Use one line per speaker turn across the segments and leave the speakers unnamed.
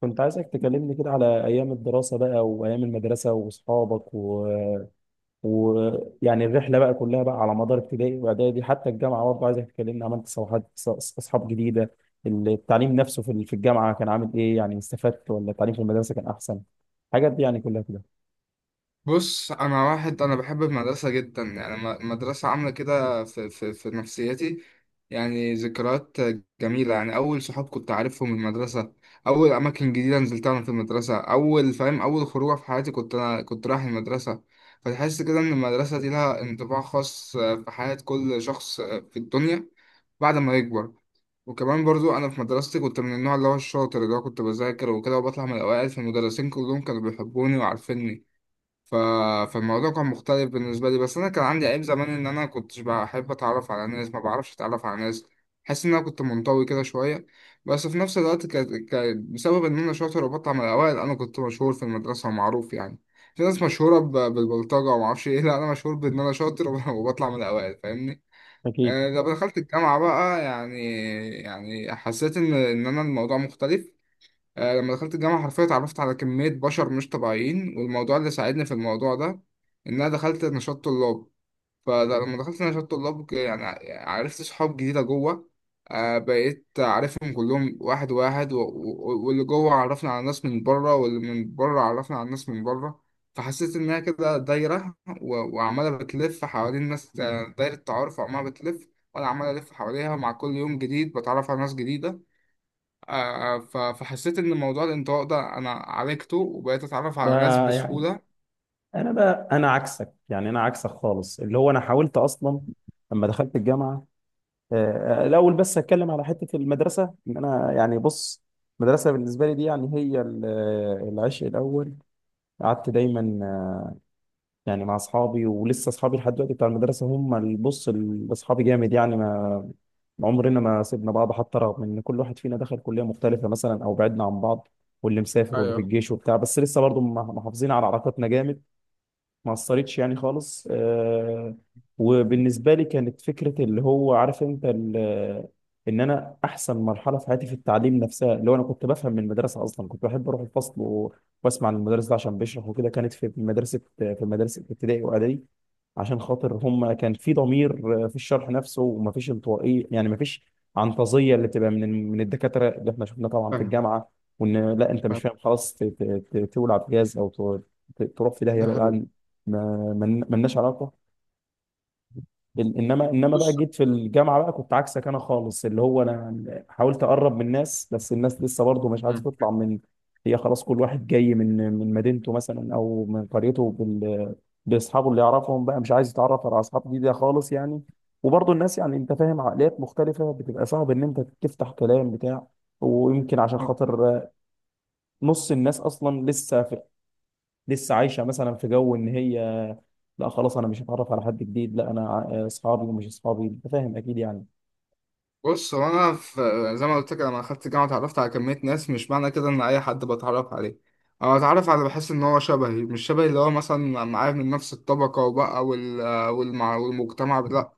كنت عايزك تكلمني كده على أيام الدراسة بقى وأيام المدرسة وأصحابك و... يعني الرحلة بقى كلها بقى على مدار ابتدائي وإعدادي حتى الجامعة برضه عايزك تكلمني عملت صفحات أصحاب جديدة. التعليم نفسه في الجامعة كان عامل إيه؟ يعني استفدت ولا التعليم في المدرسة كان أحسن؟ الحاجات دي يعني كلها كده.
بص، انا واحد انا بحب المدرسه جدا. يعني المدرسه عامله كده في نفسيتي. يعني ذكريات جميله. يعني اول صحاب كنت عارفهم من المدرسه. اول اماكن جديده نزلتها انا في المدرسه. اول فاهم، اول خروجه في حياتي كنت رايح المدرسه. فتحس كده ان المدرسه دي لها انطباع خاص في حياه كل شخص في الدنيا بعد ما يكبر. وكمان برضو انا في مدرستي كنت من النوع اللي هو الشاطر، اللي هو كنت بذاكر وكده وبطلع من الاوائل، فالمدرسين كلهم كانوا بيحبوني وعارفيني. ف... فالموضوع كان مختلف بالنسبة لي. بس أنا كان عندي عيب زمان إن أنا كنتش بحب أتعرف على ناس، ما بعرفش أتعرف على ناس. حاسس إن أنا كنت منطوي كده شوية. بس في نفس الوقت، بسبب إن أنا شاطر وبطلع من الأوائل أنا كنت مشهور في المدرسة ومعروف يعني. في ناس مشهورة بالبلطجة ومعرفش إيه لا، أنا مشهور بإن أنا شاطر وبطلع من الأوائل، فاهمني؟
أكيد.
آه، لما دخلت الجامعة بقى يعني، يعني حسيت إن أنا الموضوع مختلف. آه، لما دخلت الجامعة حرفيا اتعرفت على كمية بشر مش طبيعيين، والموضوع اللي ساعدني في الموضوع ده إن أنا دخلت نشاط طلاب. فلما دخلت نشاط طلاب يعني عرفت صحاب جديدة جوه. آه، بقيت عارفهم كلهم واحد واحد، واللي جوه عرفنا على ناس من بره، واللي من بره عرفنا على ناس من بره. فحسيت إنها كده دايرة، وعمالة بتلف حوالين ناس. آه، دايرة تعارف وعمالة بتلف وأنا عمال ألف حواليها. مع كل يوم جديد بتعرف على ناس جديدة. آه، آه، فحسيت ان موضوع الانطواء ده انا عالجته وبقيت اتعرف
ده
على ناس
يعني
بسهولة.
أنا بقى أنا عكسك، يعني أنا عكسك خالص، اللي هو أنا حاولت أصلا لما دخلت الجامعة. الاول بس هتكلم على حته المدرسه، ان انا يعني بص، المدرسه بالنسبه لي دي يعني هي العشق الاول. قعدت دايما يعني مع اصحابي، ولسه اصحابي لحد دلوقتي بتاع المدرسه هم اللي بص اصحابي جامد يعني ما عمرنا ما سيبنا بعض، حتى رغم ان كل واحد فينا دخل كليه مختلفه مثلا او بعدنا عن بعض، واللي مسافر واللي في
ايوه،
الجيش وبتاع، بس لسه برضه محافظين على علاقتنا جامد. ما اثرتش يعني خالص آه. وبالنسبه لي كانت فكره اللي هو عارف انت ان انا احسن مرحله في حياتي في التعليم نفسها، اللي هو انا كنت بفهم من المدرسه، اصلا كنت بحب اروح الفصل واسمع المدرس ده عشان بيشرح وكده. كانت في مدرسه، في مدرسه ابتدائي واعدادي، عشان خاطر هم كان في ضمير في الشرح نفسه، ومفيش انطوائيه يعني، مفيش عنطزيه اللي بتبقى من الدكاتره اللي احنا شفناها طبعا في
فاهم.
الجامعه. وان لا انت مش
فاهم،
فاهم خلاص تولع بجاز او ت- تروح في داهيه
ده
بعيد،
حقيقي.
ما ملناش علاقه. انما بقى
بص.
جيت في الجامعه بقى كنت عكسك انا خالص، اللي هو انا حاولت اقرب من الناس بس الناس لسه برضه مش عايزه
مم.
تطلع من. هي خلاص كل واحد جاي من مدينته مثلا او من قريته باصحابه اللي يعرفهم بقى، مش عايز يتعرف على اصحاب جديده خالص يعني. وبرضه الناس يعني انت فاهم، عقليات مختلفه، بتبقى صعب ان انت تفتح كلام بتاع. ويمكن عشان خاطر نص الناس اصلا لسه عايشه مثلا في جو ان هي لا خلاص انا مش هتعرف على حد جديد، لا انا اصحابي ومش اصحابي انت فاهم اكيد يعني.
بص، هو انا زي ما قلت لك لما دخلت الجامعه اتعرفت على كميه ناس. مش معنى كده ان اي حد بتعرف عليه، انا بتعرف على اللي بحس ان هو شبهي. مش شبهي اللي هو مثلا معايا من نفس الطبقه وبقى، والمجتمع، لا.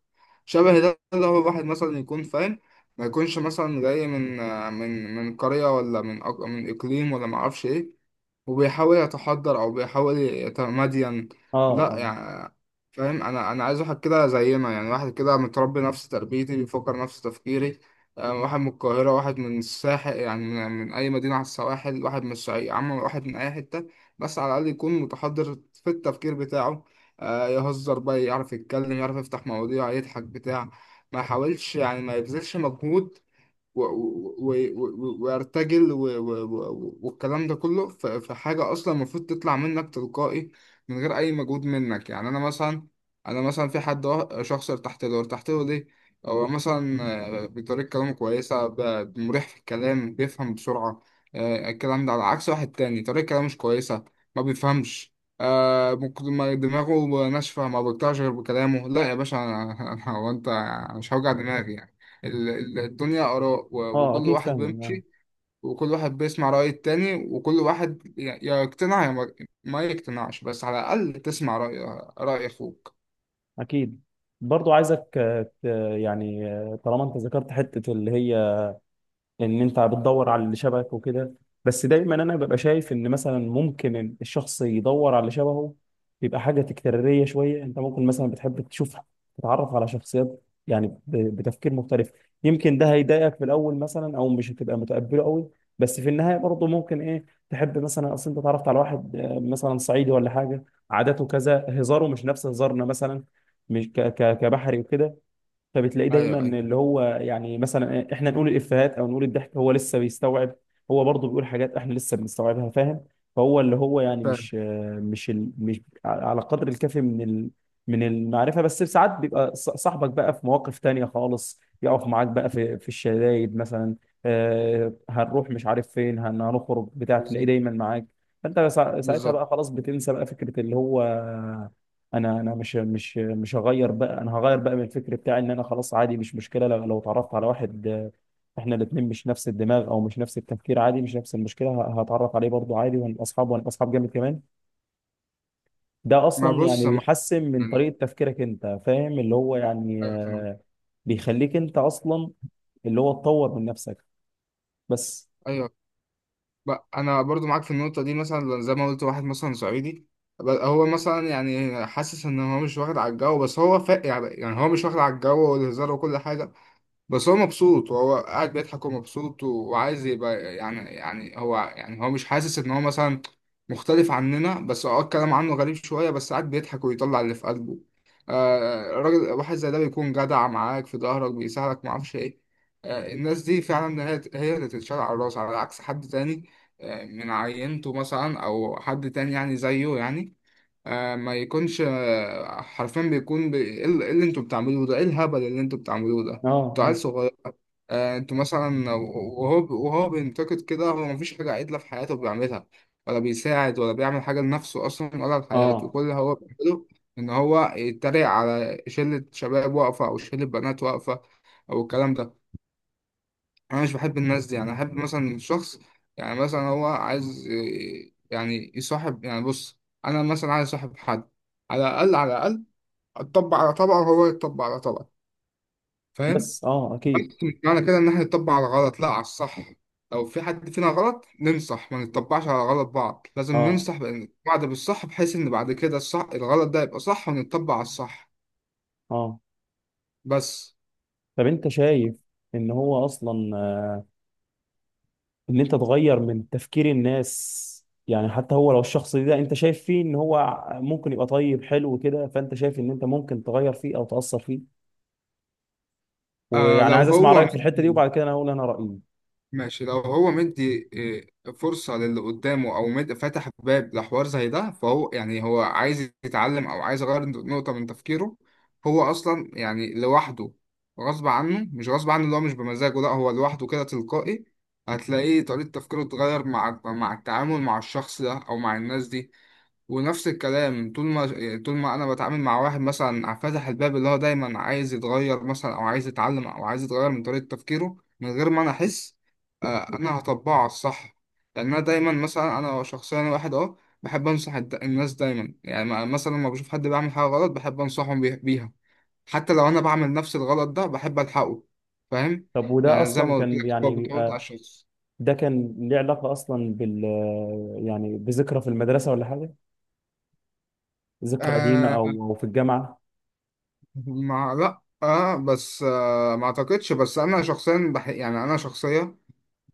شبهي ده اللي هو واحد مثلا يكون فاهم. ما يكونش مثلا جاي من قريه، ولا من اقليم، ولا ما اعرفش ايه، وبيحاول يتحضر او بيحاول يتمدين.
اه،
لا
اه،
يعني، فاهم. انا عايز واحد كده زينا، يعني واحد كده متربي نفس تربيتي، بيفكر نفس تفكيري. آه، واحد من القاهرة، واحد من الساحل، يعني من أي مدينة على السواحل، واحد من الصعيد، عم، واحد من أي حتة. بس على الأقل يكون متحضر في التفكير بتاعه. آه، يهزر بقى، يعرف يتكلم، يعرف يفتح مواضيع، يضحك بتاع. ما يحاولش يعني، ما يبذلش مجهود وارتجل والكلام ده كله. في حاجة أصلا المفروض تطلع منك تلقائي من غير أي مجهود منك. يعني أنا مثلا، أنا مثلا في حد، شخص ارتحت له. ارتحت له ليه؟ هو مثلا، آه، بطريقة كلامه كويسة، مريح في الكلام، بيفهم بسرعة. آه، الكلام ده على عكس واحد تاني طريقة كلامه مش كويسة، ما بيفهمش. آه، ما دماغه ناشفة، ما بيقطعش غير بكلامه. لا يا باشا، هو أنت؟ مش هوجع دماغي. الدنيا آراء،
اه،
وكل
اكيد،
واحد
فاهم، اه،
بيمشي، وكل واحد بيسمع رأي التاني، وكل واحد يا يقتنع يا ما يقتنعش، بس على الأقل تسمع رأي أخوك.
اكيد. برضو عايزك يعني طالما انت ذكرت حتة اللي هي ان انت بتدور على اللي شبهك وكده. بس دايما انا ببقى شايف ان مثلا ممكن الشخص يدور على اللي شبهه يبقى حاجه تكراريه شويه. انت ممكن مثلا بتحب تشوف، تتعرف على شخصيات يعني بتفكير مختلف. يمكن ده هيضايقك في الاول مثلا، او مش هتبقى متقبله قوي، بس في النهايه برضه ممكن ايه تحب. مثلا اصل انت اتعرفت على واحد مثلا صعيدي ولا حاجه، عاداته كذا، هزاره مش نفس هزارنا مثلا، مش كبحري وكده. فبتلاقيه دايما
أيوه، أيوه،
اللي هو يعني مثلا احنا نقول الافيهات او نقول الضحك، هو لسه بيستوعب. هو برضه بيقول حاجات احنا لسه بنستوعبها، فاهم. فهو اللي هو يعني
فاهم.
مش على قدر الكافي من ال، من المعرفه. بس ساعات بيبقى صاحبك بقى في مواقف تانية خالص، يقف معاك بقى في الشدايد مثلا، هنروح مش عارف فين هنخرج بتاع، تلاقيه
بالظبط.
دايما معاك. فانت ساعتها
بالظبط.
بقى خلاص بتنسى بقى فكره اللي هو انا مش هغير. بقى انا هغير بقى من الفكر بتاعي، ان انا خلاص عادي مش مشكله لو اتعرفت على واحد احنا الاثنين مش نفس الدماغ او مش نفس التفكير عادي، مش نفس المشكله، هتعرف عليه برضه عادي، وهنبقى اصحاب، وهنبقى اصحاب جامد كمان. ده
ما
اصلا يعني
بص، ما
بيحسن من
يعني،
طريقه تفكيرك، انت فاهم اللي هو يعني
أيوه، فاهم.
بيخليك انت اصلا اللي هو تطور من نفسك بس.
أيوه، بقى أنا برضو معاك في النقطة دي. مثلا زي ما قلت واحد مثلا صعيدي، هو مثلا يعني حاسس إن هو مش واخد على الجو. بس هو يعني هو مش واخد على الجو والهزار وكل حاجة. بس هو مبسوط، وهو قاعد بيضحك ومبسوط، وعايز يبقى يعني هو مش حاسس ان هو مثلا مختلف عننا. بس اه، الكلام عنه غريب شوية، بس قاعد بيضحك ويطلع اللي في قلبه. آه، راجل واحد زي ده بيكون جدع معاك، في ظهرك، بيساعدك، معرفش ايه. آه، الناس دي فعلا هي اللي تتشال على الراس، على عكس حد تاني. آه، من عينته مثلا، او حد تاني يعني زيه يعني. آه، ما يكونش، آه، حرفيا بيكون ايه، إيه اللي انتوا بتعملوه ده، ايه الهبل اللي انتوا بتعملوه ده،
اه،
انتوا عيال
اه،
صغير. آه، انتوا مثلا، وهو بينتقد كده. هو مفيش حاجة عدلة في حياته بيعملها، ولا بيساعد، ولا بيعمل حاجة لنفسه أصلا ولا لحياته.
آه.
كل اللي هو بيعمله إن هو يتريق على شلة شباب واقفة أو شلة بنات واقفة، أو الكلام ده. انا مش بحب الناس دي. يعني احب مثلا الشخص، يعني مثلا هو عايز إيه، يعني يصاحب. يعني بص، انا مثلا عايز اصاحب حد، على الاقل على الاقل اطبق على طبقه وهو يطبق على طبقه، فاهم.
بس اه اكيد.
مش معنى كده ان احنا نطبق على غلط، لا، على الصح. لو في حد فينا غلط ننصح، ما نطبقش على غلط، بعض لازم
اه،
ننصح بعض بالصح، بحيث ان بعد كده الصح الغلط ده يبقى صح ونطبق على الصح.
اه.
بس،
طب انت شايف ان هو اصلا ان انت تغير من تفكير الناس، يعني حتى هو لو الشخص ده انت شايف فيه ان هو ممكن يبقى طيب حلو كده، فانت شايف ان انت ممكن تغير فيه او تأثر فيه؟
آه،
ويعني
لو
عايز اسمع
هو
رأيك في الحتة دي،
مادي،
وبعد كده انا هقول انا رأيي.
ماشي، لو هو مدي إيه، فرصة للي قدامه أو مد فتح باب لحوار زي ده، فهو يعني هو عايز يتعلم أو عايز يغير نقطة من تفكيره. هو أصلا يعني لوحده غصب عنه، مش غصب عنه اللي هو مش بمزاجه، لا، هو لوحده كده تلقائي هتلاقيه طريقة تفكيره اتغير مع التعامل مع الشخص ده أو مع الناس دي. ونفس الكلام، طول ما يعني طول ما انا بتعامل مع واحد مثلا فاتح الباب، اللي هو دايما عايز يتغير مثلا او عايز يتعلم او عايز يتغير من طريقة تفكيره، من غير ما انا احس. آه، انا هطبقه على الصح. لان انا دايما مثلا، انا شخصيا واحد اه بحب انصح الناس دايما، يعني مثلا لما بشوف حد بيعمل حاجة غلط بحب انصحهم بيها. حتى لو انا بعمل نفس الغلط ده بحب الحقه، فاهم.
طب وده
يعني زي
اصلا
ما قلت
كان
لك هو
يعني
بتعود على
بيبقى،
الشخص.
ده كان ليه علاقة اصلا يعني بذكرى في المدرسة ولا حاجة؟ ذكرى قديمة
آه،
او في الجامعة؟
ما، لا، اه، بس آه، ما اعتقدش. بس انا شخصيا يعني انا شخصيا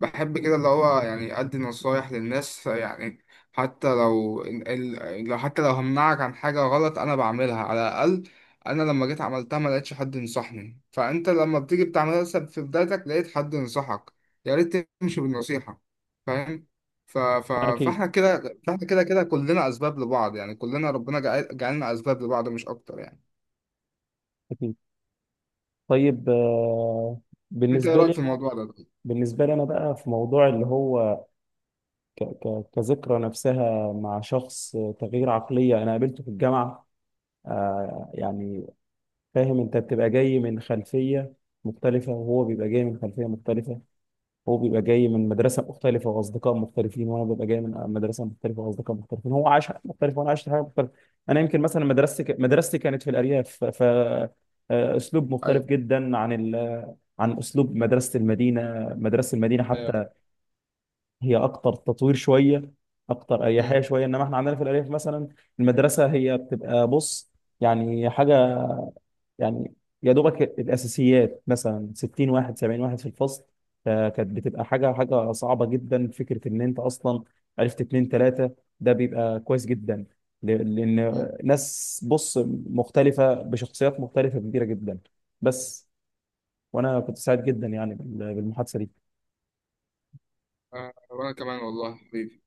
بحب كده اللي هو يعني ادي نصايح للناس يعني. حتى لو ال... ال- لو حتى لو همنعك عن حاجة غلط انا بعملها. على الاقل انا لما جيت عملتها ما لقيتش حد ينصحني، فانت لما بتيجي بتعملها لسه في بدايتك لقيت حد ينصحك، يا ريت تمشي بالنصيحة، فاهم.
اكيد،
فاحنا كده كلنا اسباب لبعض. يعني كلنا ربنا جعلنا اسباب لبعض، مش اكتر يعني.
اكيد. طيب
انت ايه
بالنسبة
رايك في
لي
الموضوع ده طيب؟
بالنسبة لي انا بقى في موضوع اللي هو كذكرى نفسها مع شخص تغيير عقلية أنا قابلته في الجامعة. يعني فاهم، أنت بتبقى جاي من خلفية مختلفة، وهو بيبقى جاي من خلفية مختلفة، هو بيبقى جاي من مدرسة مختلفة وأصدقاء مختلفين، وأنا ببقى جاي من مدرسة مختلفة وأصدقاء مختلفين، هو عاش حاجة مختلفة وأنا عشت حاجة مختلفة. أنا يمكن مثلا مدرستي كانت في الأرياف، ف أسلوب
ايوه،
مختلف جدا عن أسلوب مدرسة المدينة. مدرسة المدينة حتى
ايوه.
هي اكتر تطوير شويه، اكتر اريحيه
مم.
شويه. انما احنا عندنا في الارياف مثلا المدرسه هي بتبقى بص، يعني حاجه، يعني يا دوبك الاساسيات، مثلا 60 واحد، 70 واحد في الفصل. فكانت بتبقى حاجه صعبه جدا، فكره ان انت اصلا عرفت اتنين تلاته ده بيبقى كويس جدا، لان
مم.
ناس بص مختلفه بشخصيات مختلفه كبيره جدا بس. وانا كنت سعيد جدا يعني بالمحادثه دي.
آه، وانا كمان والله حبيبي.